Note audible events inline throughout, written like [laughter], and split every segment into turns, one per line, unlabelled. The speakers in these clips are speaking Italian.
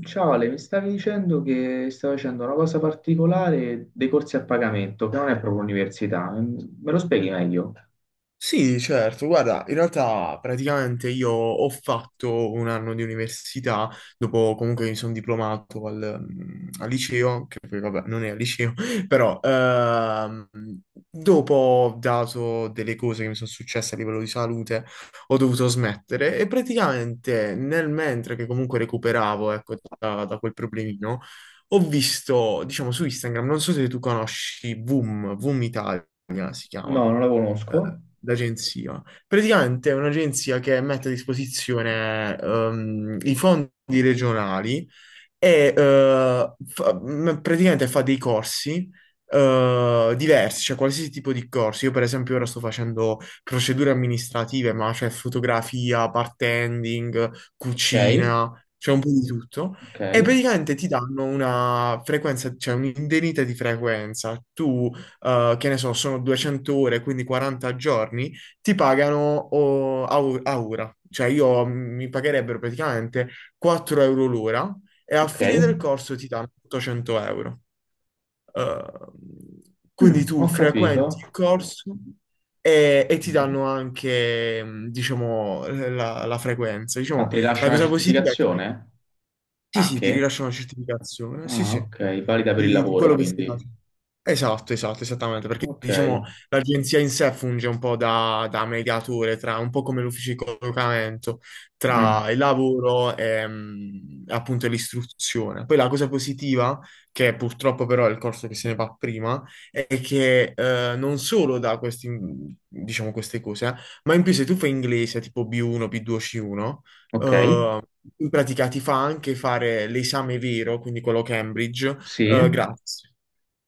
Ciao Ale, mi stavi dicendo che stai facendo una cosa particolare dei corsi a pagamento, che non è proprio università. Me lo spieghi meglio?
Sì, certo, guarda, in realtà praticamente io ho fatto un anno di università, dopo comunque mi sono diplomato al liceo, che poi vabbè non è al liceo, [laughs] però dopo ho dato delle cose che mi sono successe a livello di salute, ho dovuto smettere e praticamente nel mentre che comunque recuperavo, ecco, da quel problemino, ho visto, diciamo, su Instagram, non so se tu conosci Voom, Voom Italia si
No,
chiama
non la conosco.
d'agenzia. Praticamente è un'agenzia che mette a disposizione i fondi regionali e praticamente fa dei corsi diversi, cioè qualsiasi tipo di corsi. Io per esempio ora sto facendo procedure amministrative, ma c'è fotografia, bartending,
Ok,
cucina, c'è un po' di tutto.
ok,
E praticamente ti danno una frequenza, cioè un'indennità di frequenza. Tu che ne so, sono 200 ore, quindi 40 giorni, ti pagano a ora. Cioè io mi pagherebbero praticamente 4 euro l'ora e alla
ok.
fine del corso ti danno 800 euro. Eh,
Mm,
quindi tu
ho capito.
frequenti il corso e ti
Ok.
danno anche, diciamo, la frequenza.
Ma
Diciamo,
ti
la
rilascia una
cosa positiva è che
certificazione?
sì, sì, ti
Anche?
rilascia una certificazione, sì,
Ah,
sì,
ok, valida per il
di
lavoro,
quello che stai
quindi.
facendo. Esatto, esatto, esattamente, perché
Ok.
diciamo l'agenzia in sé funge un po' da mediatore, tra, un po' come l'ufficio di collocamento,
Mm,
tra il lavoro e appunto l'istruzione. Poi la cosa positiva, che purtroppo però è il corso che se ne va prima, è che non solo da questi, diciamo, queste cose, ma in più se tu fai inglese tipo B1, B2, C1,
ok,
eh, in pratica ti fa anche fare l'esame vero, quindi quello Cambridge,
sì.
gratis.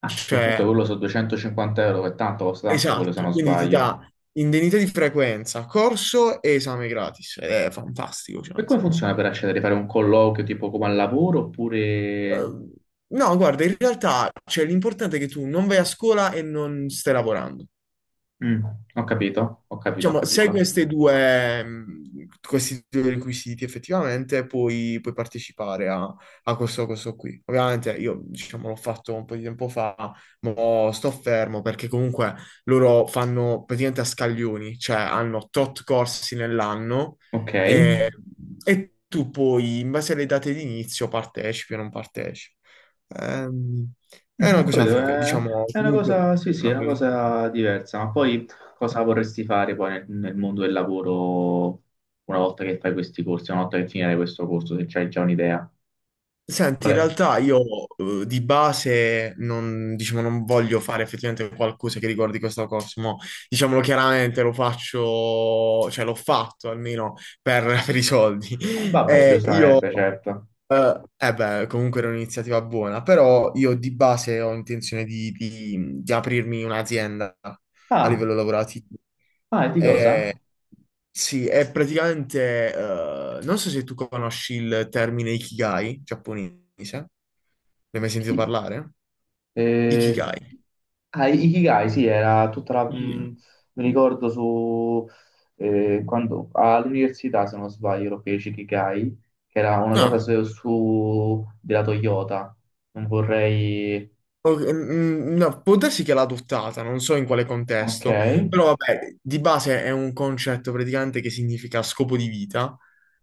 Ah, che comunque
Cioè,
quello sono 250 euro, che tanto costa tanto quello se
esatto,
non
quindi ti
sbaglio.
dà indennità di frequenza, corso e esame gratis. Ed è fantastico, cioè,
E
nel
come
senso.
funziona per accedere? Fare un colloquio tipo come al lavoro oppure...
Eh, no, guarda, in realtà, cioè, l'importante è che tu non vai a scuola e non stai lavorando.
Mm, ho capito, ho capito, ho
Diciamo, se hai
capito.
queste due, questi due requisiti effettivamente puoi partecipare a questo qui. Ovviamente io, diciamo, l'ho fatto un po' di tempo fa, ma sto fermo perché comunque loro fanno praticamente a scaglioni, cioè hanno tot corsi nell'anno
Ok,
e, e tu poi, in base alle date di inizio, partecipi o non partecipi. Ehm, è
mm,
una
ho
cosa
capito,
figa, diciamo,
è una
comunque
cosa, sì, sì,
una
è una
bella iniziativa.
cosa diversa, ma poi cosa vorresti fare poi nel mondo del lavoro una volta che fai questi corsi, una volta che finirai questo corso, se c'hai già un'idea?
Senti,
Qual
in
è?
realtà io di base non, diciamo, non voglio fare effettivamente qualcosa che riguardi questo corso, mo, diciamolo chiaramente, lo faccio, cioè l'ho fatto almeno [laughs] per i soldi.
Vabbè,
Io
giustamente, certo.
eh beh, comunque era un'iniziativa buona, però io di base ho intenzione di aprirmi un'azienda a
Ah,
livello lavorativo.
ah, e di cosa?
Eh, sì, è praticamente, non so se tu conosci il termine Ikigai giapponese, ne hai mai sentito
Chi?
parlare?
Eh,
Ikigai.
ah, Ikigai, sì, era tutta la...
Ikigai.
mi ricordo su... quando, all'università, se non sbaglio, lo feci Ikigai, che era una cosa
No.
su, della Toyota. Non vorrei...
Ok, no, può darsi che l'ha adottata, non so in quale
Ok.
contesto, però vabbè, di base è un concetto praticamente che significa scopo di vita.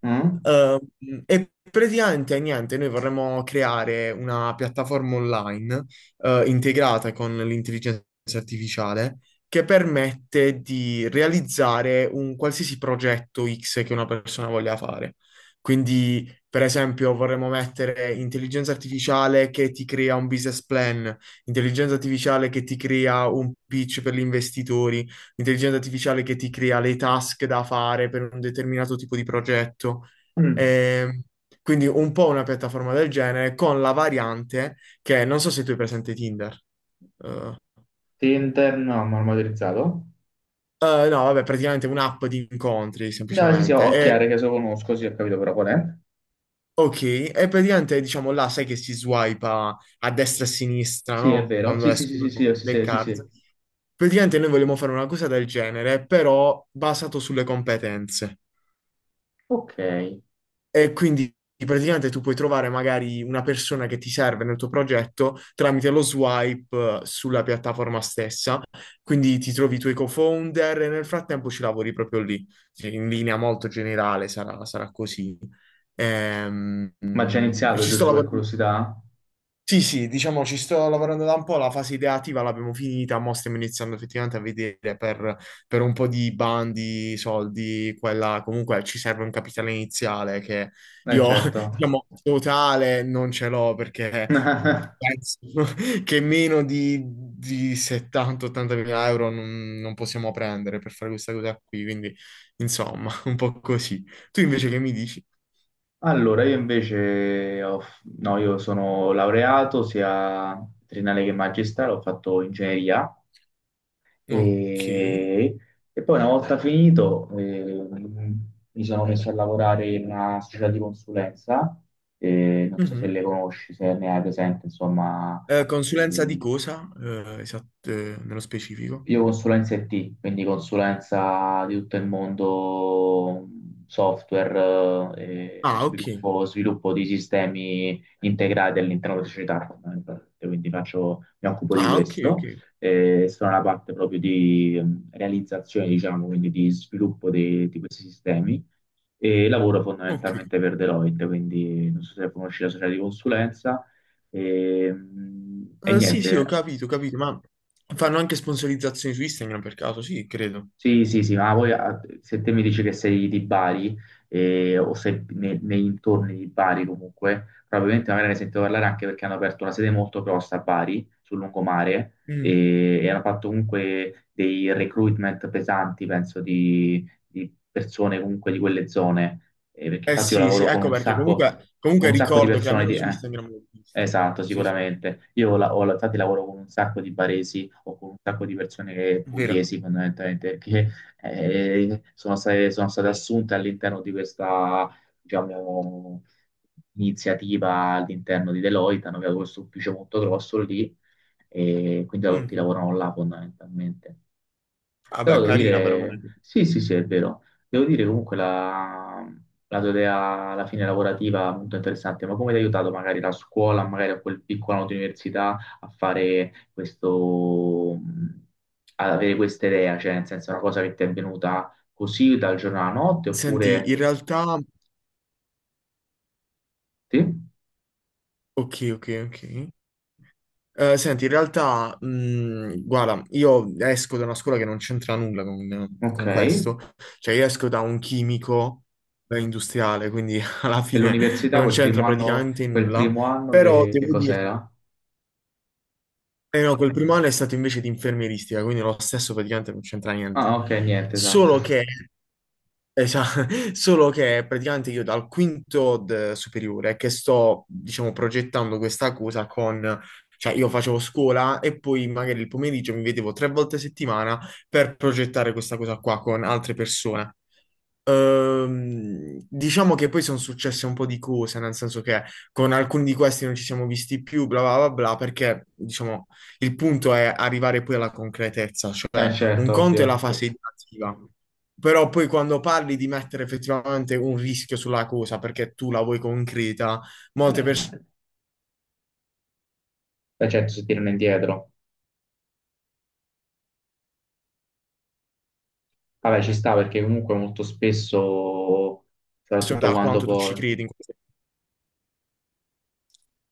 Mm?
Eh, e praticamente niente, noi vorremmo creare una piattaforma online integrata con l'intelligenza artificiale che permette di realizzare un qualsiasi progetto X che una persona voglia fare. Quindi, per esempio, vorremmo mettere intelligenza artificiale che ti crea un business plan, intelligenza artificiale che ti crea un pitch per gli investitori, intelligenza artificiale che ti crea le task da fare per un determinato tipo di progetto.
Mm.
Ehm, quindi un po' una piattaforma del genere con la variante che non so se tu hai presente Tinder. Eh,
Tinder, no, marmorizzato.
no, vabbè, praticamente un'app di incontri
No, sì, sì,
semplicemente.
ho
E-
chiaro che se lo conosco, sì, ho capito però qual è.
ok, e praticamente diciamo là sai che si swipa a destra e a sinistra,
Sì, è
no?
vero.
Quando
Sì, sì, sì, sì,
escono
sì, sì,
le
sì, sì,
card.
sì.
Praticamente noi vogliamo fare una cosa del genere, però basato sulle competenze.
Ok.
E quindi praticamente tu puoi trovare magari una persona che ti serve nel tuo progetto tramite lo swipe sulla piattaforma stessa. Quindi ti trovi i tuoi co-founder e nel frattempo ci lavori proprio lì. Cioè, in linea molto generale sarà così. Ehm,
Ma già
mm,
iniziato,
ci sto
giusto per
lavorando.
curiosità?
Sì, sì, diciamo ci sto lavorando da un po', la fase ideativa l'abbiamo finita, mo stiamo iniziando effettivamente a vedere per un po' di bandi, soldi, quella comunque ci serve un capitale iniziale che io,
Certo.
[laughs] diciamo, totale non ce l'ho perché
[laughs]
penso [laughs] che meno di 70-80 mila euro non possiamo prendere per fare questa cosa qui, quindi insomma, [laughs] un po' così. Tu invece che mi dici?
Allora, io invece, ho f- no, io sono laureato sia triennale che magistrale, ho fatto ingegneria
Ok.
e, e poi una volta finito mi sono messo a lavorare in una società di consulenza, non so se
Mhm.
le conosci, se ne hai presente, insomma,
Consulenza di
eh,
cosa? Esatto, nello specifico.
io consulenza IT, quindi consulenza di tutto il mondo software e
Ah, ok.
sviluppo, sviluppo di sistemi integrati all'interno della società, fondamentalmente. Quindi mi occupo di
Ah, ok, ok.
questo. Sono la parte proprio di realizzazione, diciamo, quindi di sviluppo di questi sistemi e lavoro
Ok.
fondamentalmente per Deloitte, quindi non so se conosci la società di consulenza. E
Sì, sì,
niente,
ho capito, ma fanno anche sponsorizzazioni su Instagram per caso, sì, credo.
sì, sì, sì, ma voi ah, se te mi dici che sei di Bari o sei nei intorni di Bari comunque, probabilmente magari ne sento parlare anche perché hanno aperto una sede molto grossa a Bari, sul lungomare,
Mm.
e hanno fatto comunque dei recruitment pesanti, penso, di persone comunque di quelle zone. Perché
Eh
infatti io
sì, sì,
lavoro
ecco perché comunque,
con
comunque
un sacco di
ricordo che
persone
almeno
di...
su Instagram l'ho visto.
esatto,
Sì, sì.
sicuramente. Io ho, la- ho- Infatti lavoro con un sacco di baresi o con un sacco di persone
Vero.
pugliesi fondamentalmente che sono state assunte all'interno di questa, diciamo, iniziativa all'interno di Deloitte, hanno creato questo ufficio molto grosso lì e quindi tutti
Mm.
lavorano là fondamentalmente. Però
Vabbè,
devo
carina però come.
dire, sì, sì, sì, è vero. Devo dire comunque la, la tua idea alla fine lavorativa è molto interessante, ma come ti ha aiutato magari la scuola, magari a quel piccolo anno di università a fare questo, ad avere questa idea, cioè nel senso è una cosa che ti è venuta così dal giorno alla notte,
Senti,
oppure
in realtà.
sì?
Ok, ok, ok. Senti, in realtà, guarda, io esco da una scuola che non c'entra nulla con,
Ok.
con
E
questo, cioè io esco da un chimico industriale, quindi [laughs] alla fine
l'università
non c'entra praticamente
quel
nulla,
primo anno
però
che
devo dirti,
cos'era?
eh no, quel primo anno è stato invece di infermieristica, quindi lo stesso praticamente non c'entra niente,
Ah, ok, niente, esatto.
solo che.
[laughs]
Esatto, [laughs] solo che praticamente io dal quinto superiore che sto, diciamo, progettando questa cosa con, cioè io facevo scuola e poi magari il pomeriggio mi vedevo tre volte a settimana per progettare questa cosa qua con altre persone. Diciamo che poi sono successe un po' di cose, nel senso che con alcuni di questi non ci siamo visti più, bla bla bla bla, perché diciamo il punto è arrivare poi alla concretezza,
Eh
cioè un
certo,
conto è la
ovvio.
fase ideativa, però poi quando parli di mettere effettivamente un rischio sulla cosa perché tu la vuoi concreta, molte persone
La gente si tirano indietro. Vabbè, ci sta perché comunque molto spesso, soprattutto
da
quando
quanto tu ci
poi...
credi in questo.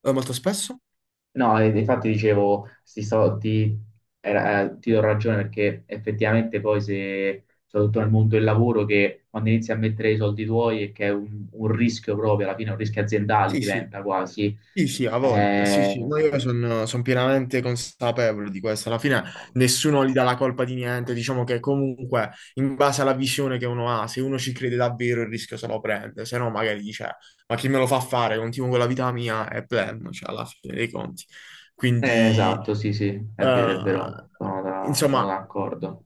Molto spesso?
No, infatti dicevo, sti soldi, ti do ragione perché effettivamente poi se, soprattutto nel mondo del lavoro, che quando inizi a mettere i soldi tuoi e che è un rischio proprio, alla fine un rischio aziendale
Sì, sì.
diventa quasi...
Sì, sì, ha voglia. Sì,
Eh,
sì, ma io sono pienamente consapevole di questo. Alla fine nessuno gli dà la colpa di niente. Diciamo che comunque, in base alla visione che uno ha, se uno ci crede davvero, il rischio se lo prende. Se no, magari dice, ma chi me lo fa fare? Continuo con la vita mia e pleno, cioè, alla fine dei conti. Quindi,
esatto, sì, sì, è
eh,
vero, sono
insomma.
d'accordo.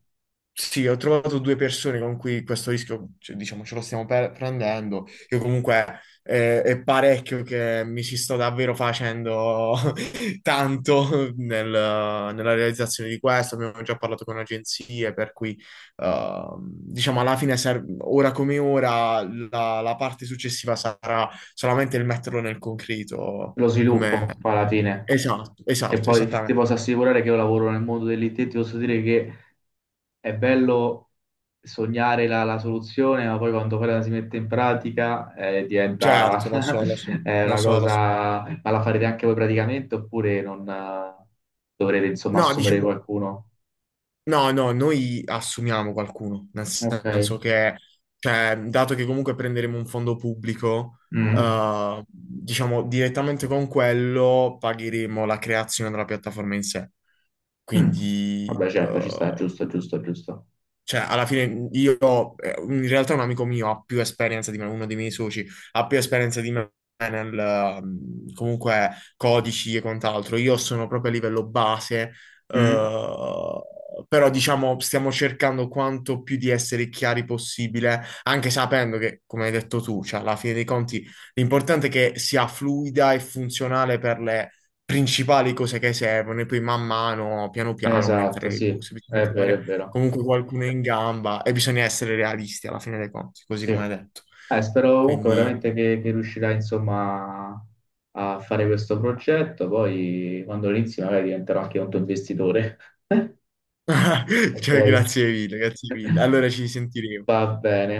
Sì, ho trovato due persone con cui questo rischio, cioè, diciamo, ce lo stiamo prendendo. Io comunque è parecchio che mi ci sto davvero facendo [laughs] tanto nella realizzazione di questo. Abbiamo già parlato con agenzie, per cui diciamo alla fine, ora come ora, la parte successiva sarà solamente il metterlo nel concreto.
Lo
Come?
sviluppo, poi alla fine.
Esatto,
E
esatto,
poi ti
esattamente.
posso assicurare che io lavoro nel mondo dell'IT, ti posso dire che è bello sognare la, la soluzione, ma poi quando poi la si mette in pratica diventa
Certo, lo so, lo so,
[laughs] è
lo
una
so, lo so.
cosa... Ma la farete anche voi praticamente oppure non dovrete insomma
No,
assumere
diciamo.
qualcuno?
No, no, noi assumiamo qualcuno, nel
Ok.
senso che, cioè, dato che comunque prenderemo un fondo pubblico,
Mm.
diciamo direttamente con quello pagheremo la creazione della piattaforma in sé.
Mm.
Quindi,
Vabbè certo, ci sta, giusto, giusto, giusto.
cioè, alla fine io, in realtà un amico mio ha più esperienza di me, uno dei miei soci, ha più esperienza di me nel, comunque, codici e quant'altro. Io sono proprio a livello base,
Mm.
eh, però diciamo stiamo cercando quanto più di essere chiari possibile, anche sapendo che, come hai detto tu, cioè, alla fine dei conti l'importante è che sia fluida e funzionale per le principali cose che servono e poi man mano, piano piano, aumentare
Esatto,
le
sì,
cose. Bisogna
è vero, è
trovare
vero.
comunque qualcuno è in gamba e bisogna essere realisti alla fine dei conti, così
Sì.
come hai detto.
Spero comunque
Quindi,
veramente che riuscirai insomma a fare questo progetto, poi quando lo inizi magari diventerò anche un tuo investitore. [laughs]
[laughs]
Ok,
cioè, grazie mille, grazie mille. Allora ci sentiremo.
va bene.